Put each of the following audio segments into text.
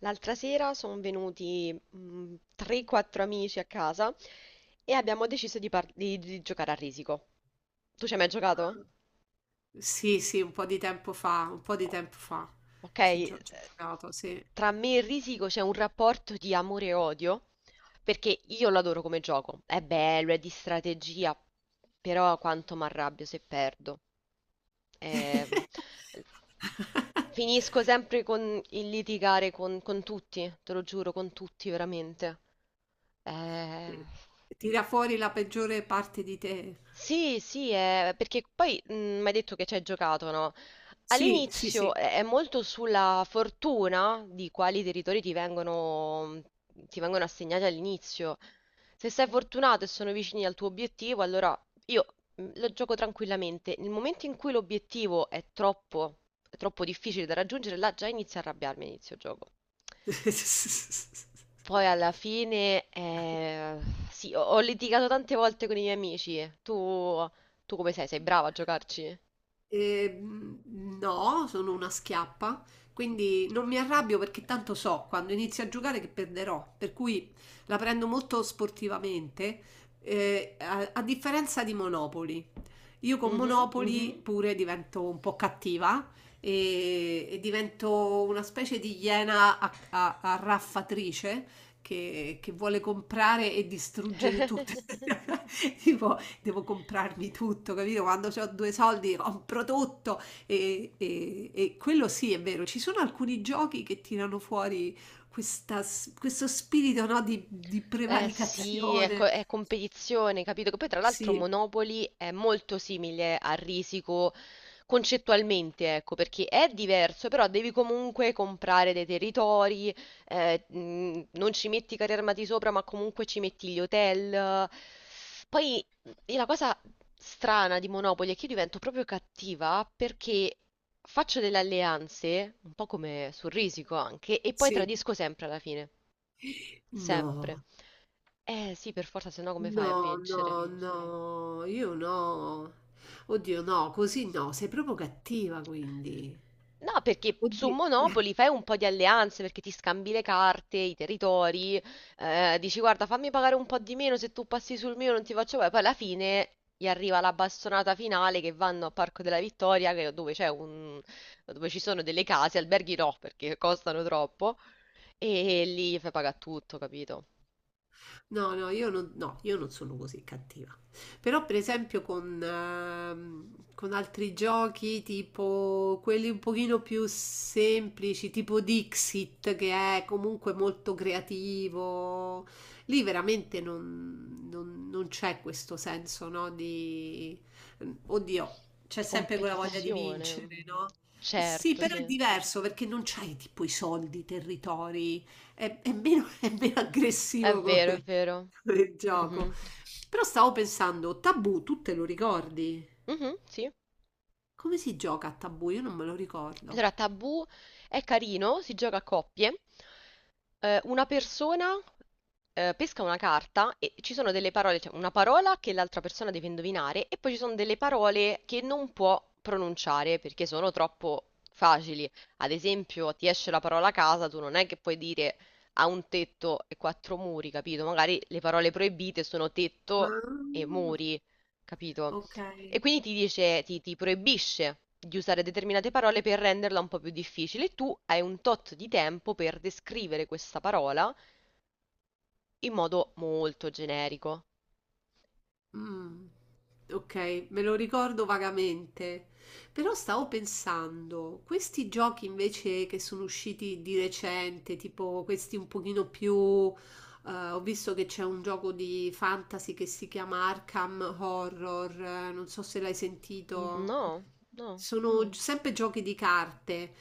L'altra sera sono venuti 3-4 amici a casa e abbiamo deciso di giocare a risico. Tu ci hai mai giocato? Sì, sì, un po' di tempo fa, un po' di tempo fa. Ok, Ci gio ci ho giocato, sì. tra me e Risico c'è un rapporto di amore e odio, perché io lo adoro come gioco, è bello, è di strategia, però quanto mi arrabbio se perdo. Ehm, Finisco sempre con il litigare con tutti, te lo giuro, con tutti veramente. Eh, Sì. Tira fuori la peggiore parte di te. sì, sì, perché poi mi hai detto che ci hai giocato, no? Sì, sì, All'inizio sì. è molto sulla fortuna di quali territori ti vengono assegnati all'inizio. Se sei fortunato e sono vicini al tuo obiettivo, allora io lo gioco tranquillamente. Nel momento in cui l'obiettivo è troppo difficile da raggiungere, là già inizio a arrabbiarmi a inizio gioco. Poi alla fine, sì, ho litigato tante volte con i miei amici. Tu, tu come sei? Sei brava a giocarci? No, sono una schiappa, quindi non mi Ok. arrabbio perché tanto so quando inizio a giocare che perderò, per cui la prendo molto sportivamente, a differenza di Monopoli. Io con Mhm. Monopoli, mhm, pure divento un po' cattiva e divento una specie di iena arraffatrice che vuole comprare e distruggere tutto. Tipo, devo comprarmi tutto, capito? Quando ho due soldi compro tutto e, e quello sì è vero, ci sono alcuni giochi che tirano fuori questo spirito, no, di Eh sì, prevaricazione. è competizione, capito? Che poi tra l'altro Sì, Monopoly è molto simile a Risico concettualmente, ecco, perché è diverso, però devi comunque comprare dei territori, non ci metti i carri armati sopra, ma comunque ci metti gli hotel. Poi e la cosa strana di Monopoly è che io divento proprio cattiva perché faccio delle alleanze, un po' come sul Risico anche, e poi sì. tradisco sempre alla fine. Sempre. No, Eh sì, per forza, se no come fai a no, vincere? no, no, io no. Oddio, no, così no, sei proprio cattiva quindi. No, perché su Oddio. Monopoli fai un po' di alleanze, perché ti scambi le carte, i territori, dici guarda fammi pagare un po' di meno se tu passi sul mio non ti faccio pagare, poi alla fine gli arriva la bastonata finale che vanno a Parco della Vittoria, dove ci sono delle case, alberghi no, perché costano troppo, e lì fai pagare tutto, capito? No, no, io non, no, io non sono così cattiva. Però, per esempio, con altri giochi, tipo quelli un pochino più semplici, tipo Dixit, che è comunque molto creativo, lì veramente non c'è questo senso, no? Di... Oddio, c'è Di sempre quella voglia di competizione. vincere, no? Sì, Certo, però è sì. diverso perché non c'hai tipo i soldi, i territori, è meno, è meno È aggressivo vero, è come, vero. del Mhm. gioco. Però stavo pensando, Tabù, tu te lo ricordi? Mhm, sì. Come si gioca a Tabù? Io non me lo ricordo. Allora, Tabù è carino, si gioca a coppie. Una persona pesca una carta e ci sono delle parole, cioè una parola che l'altra persona deve indovinare e poi ci sono delle parole che non può pronunciare perché sono troppo facili. Ad esempio, ti esce la parola casa, tu non è che puoi dire ha un tetto e quattro muri, capito? Magari le parole proibite sono tetto e Ah, muri, capito? ok. E quindi ti proibisce di usare determinate parole per renderla un po' più difficile. Tu hai un tot di tempo per descrivere questa parola in modo molto generico. Mm, ok, me lo ricordo vagamente. Però stavo pensando, questi giochi invece che sono usciti di recente, tipo questi un pochino più... ho visto che c'è un gioco di fantasy che si chiama Arkham Horror, non so se l'hai sentito. No, no. Sono, mm, sempre giochi di carte,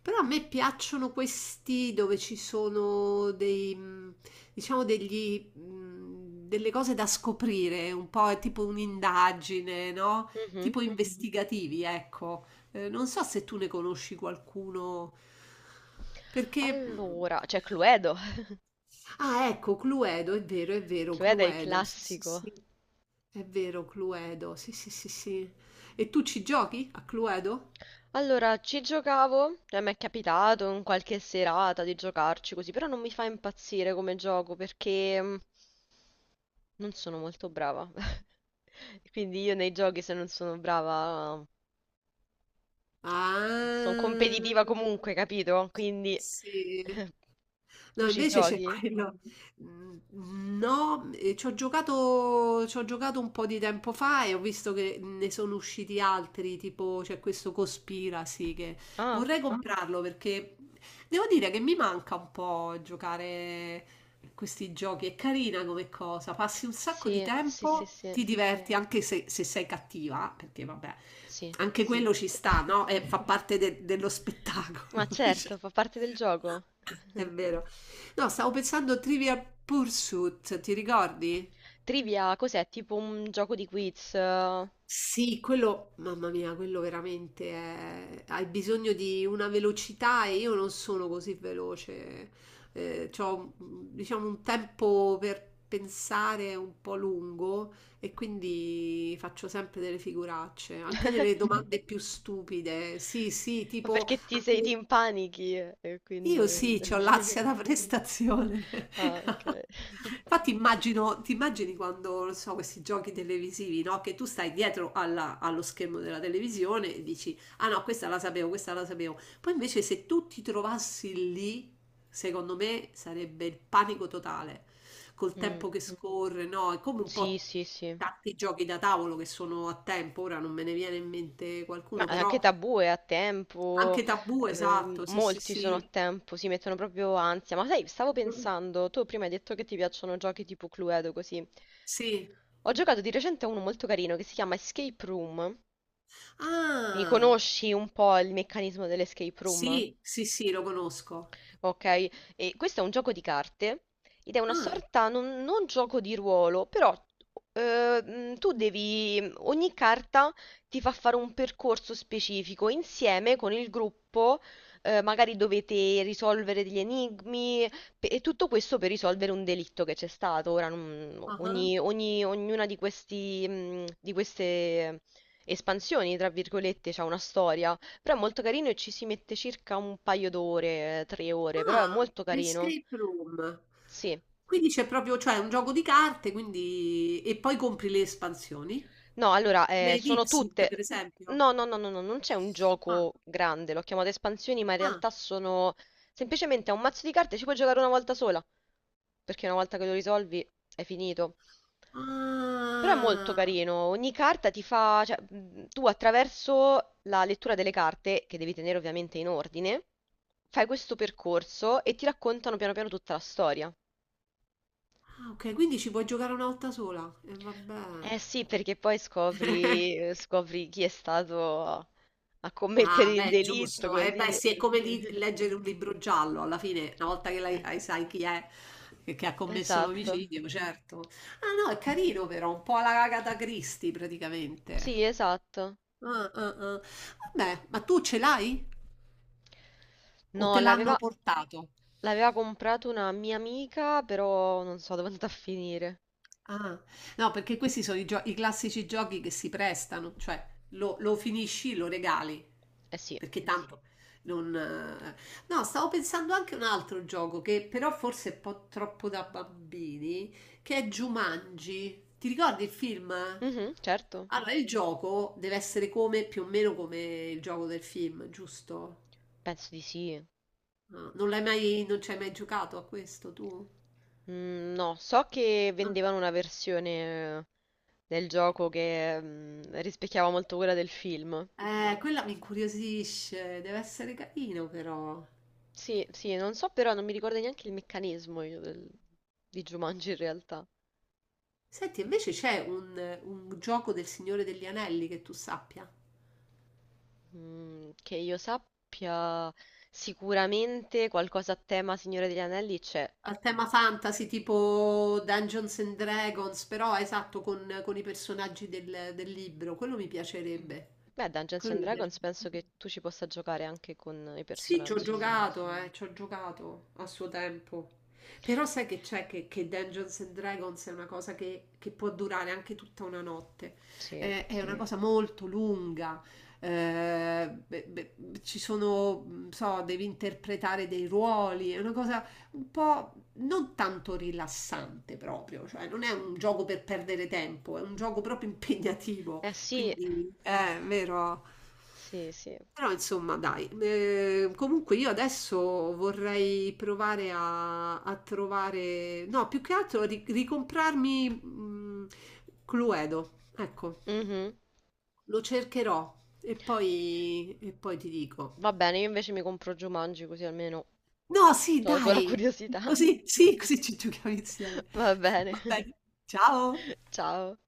però a me piacciono questi dove ci sono dei, diciamo degli, delle cose da scoprire, un po' è tipo un'indagine, no? Mhm. Tipo, mhm, investigativi, ecco. Non so se tu ne conosci qualcuno, perché... Allora, c'è Cluedo. Ah, ecco, Cluedo, è vero, Cluedo è il Cluedo, mm, sì, sì, classico. sì, è vero, Cluedo, sì, sì, sì, sì. E tu ci giochi a Cluedo? Allora, ci giocavo, cioè mi è capitato in qualche serata di giocarci così, però non mi fa impazzire come gioco perché non sono molto brava. Quindi io nei giochi se non sono brava sono Ah, competitiva comunque, capito? Quindi sì. No, tu ci invece c'è giochi? quello. Mm, No, ci ho giocato un po' di tempo fa e ho visto che ne sono usciti altri, tipo c'è questo Cospiracy che Ah, vorrei comprarlo perché devo dire che mi manca un po' giocare questi giochi. È carina come cosa, passi un sacco di sì, sì, sì, tempo, sì, ti diverti anche se, se sei cattiva, perché vabbè, sì, anche quello ci sì. sta, no? E fa dello Ma spettacolo, diciamo. certo, fa parte del gioco. È vero. No, stavo pensando a Trivial Pursuit, ti ricordi? Trivia, cos'è? Tipo un gioco di quiz. Sì, quello, mamma mia, quello veramente è... hai bisogno di una velocità e io non sono così veloce. C'ho, diciamo, un tempo per pensare un po' lungo e quindi faccio sempre delle figuracce, anche delle domande più stupide. Sì, sì, Ma tipo perché ti anche sei, ti impanichi e io quindi... sì, ho l'ansia da prestazione. Ah, ok. Infatti immagino, ti immagini quando, non so, questi giochi televisivi, no? Che tu stai dietro allo schermo della televisione e dici, ah no, questa la sapevo, questa la sapevo. Poi invece se tu ti trovassi lì, secondo me sarebbe il panico totale, col Mm, tempo che scorre, no? È come un Sì, po' sì, sì. tanti giochi da tavolo che sono a tempo, ora non me ne viene in mente Ma qualcuno, anche però Tabù è a tempo, anche Tabù, esatto, sì, sì, molti sono a sì. tempo, si mettono proprio ansia. Ma sai, stavo pensando, tu prima hai detto che ti piacciono giochi tipo Cluedo così. Sì. Ho giocato di recente a uno molto carino che si chiama Escape Room. Mi Ah. conosci un po' il meccanismo dell'escape room? Sì, sì, sì, lo conosco. Ok, e questo è un gioco di carte ed è una Ah, sorta, non, non gioco di ruolo, però ogni carta ti fa fare un percorso specifico insieme con il gruppo, magari dovete risolvere degli enigmi e tutto questo per risolvere un delitto che c'è stato. Ora, ah, ah. Ognuna di queste espansioni, tra virgolette, c'ha una storia. Però è molto carino e ci si mette circa un paio d'ore, 3 ore, però è Ah, molto carino. Escape Room. Sì. Quindi c'è proprio, cioè, è un gioco di carte, quindi... e poi compri le espansioni, No, allora, come sono Dixit, per tutte... esempio. No, no, no, no, no, non c'è un Ah, gioco grande, l'ho chiamato espansioni, ma in ah, realtà sono... Semplicemente è un mazzo di carte, ci puoi giocare una volta sola, perché una volta che lo risolvi è finito. Però è molto ah. carino, ogni carta ti fa... cioè, tu attraverso la lettura delle carte, che devi tenere ovviamente in ordine, fai questo percorso e ti raccontano piano piano tutta la storia. Ah, ok, quindi ci puoi giocare una volta sola. E vabbè. Eh sì, perché poi scopri, scopri chi è stato a commettere Ah, il beh, delitto, giusto. Beh, così. sì, è come leggere un libro giallo, alla fine, una volta che Eh, sai chi è che ha commesso Esatto. l'omicidio, certo. Ah, no, è carino però, un po' alla Agatha Christie Sì, praticamente. esatto. Ah, ah, ah. Vabbè, ma tu ce l'hai? O No, te l'hanno l'aveva portato? l'aveva comprato una mia amica, però non so dove è andata a finire. Ah, no, perché questi sono i classici giochi che si prestano, cioè lo finisci, lo regali, Eh sì. perché sì, tanto non.... No, stavo pensando anche a un altro gioco che però forse è un po' troppo da bambini, che è Jumanji. Ti ricordi il film? Mhm, certo. Allora, il gioco deve essere come, più o meno come il gioco del film, giusto? Penso di sì. No, non l'hai mai, non ci hai mai giocato a questo tu? No, so che No. vendevano una versione del gioco che rispecchiava molto quella del film. Quella mi incuriosisce, deve essere carino però. Sì, sì, non so però, non mi ricordo neanche il meccanismo io di Jumanji in realtà. Senti, invece c'è un gioco del Signore degli Anelli che tu sappia? Che io sappia, sicuramente qualcosa a tema Signore degli Anelli c'è. Al tema fantasy, tipo Dungeons and Dragons, però esatto, con i personaggi del libro, quello mi Mm. piacerebbe. Beh, Dungeons and Dragons penso che tu ci possa giocare anche con i Sì, personaggi. Ci ho giocato a suo tempo. Però sai che c'è che Dungeons and Dragons è una cosa che può durare anche tutta una notte. Sì. È una cosa molto lunga. Eh, beh, ci sono, non so, devi interpretare dei ruoli. È una cosa un po' non tanto rilassante proprio. Cioè, non è un gioco per perdere tempo, è un gioco proprio impegnativo. Eh sì, Quindi è vero. sì, sì. Però insomma, dai, comunque io adesso vorrei provare a, a trovare, no, più che altro ricomprarmi, Cluedo, ecco, Mhm. lo cercherò e poi ti dico. Va bene, io invece mi compro Jumanji così almeno No, sì, tolgo la dai, curiosità. così, sì, così ci giochiamo insieme. Va bene, Va bene, ciao! ciao.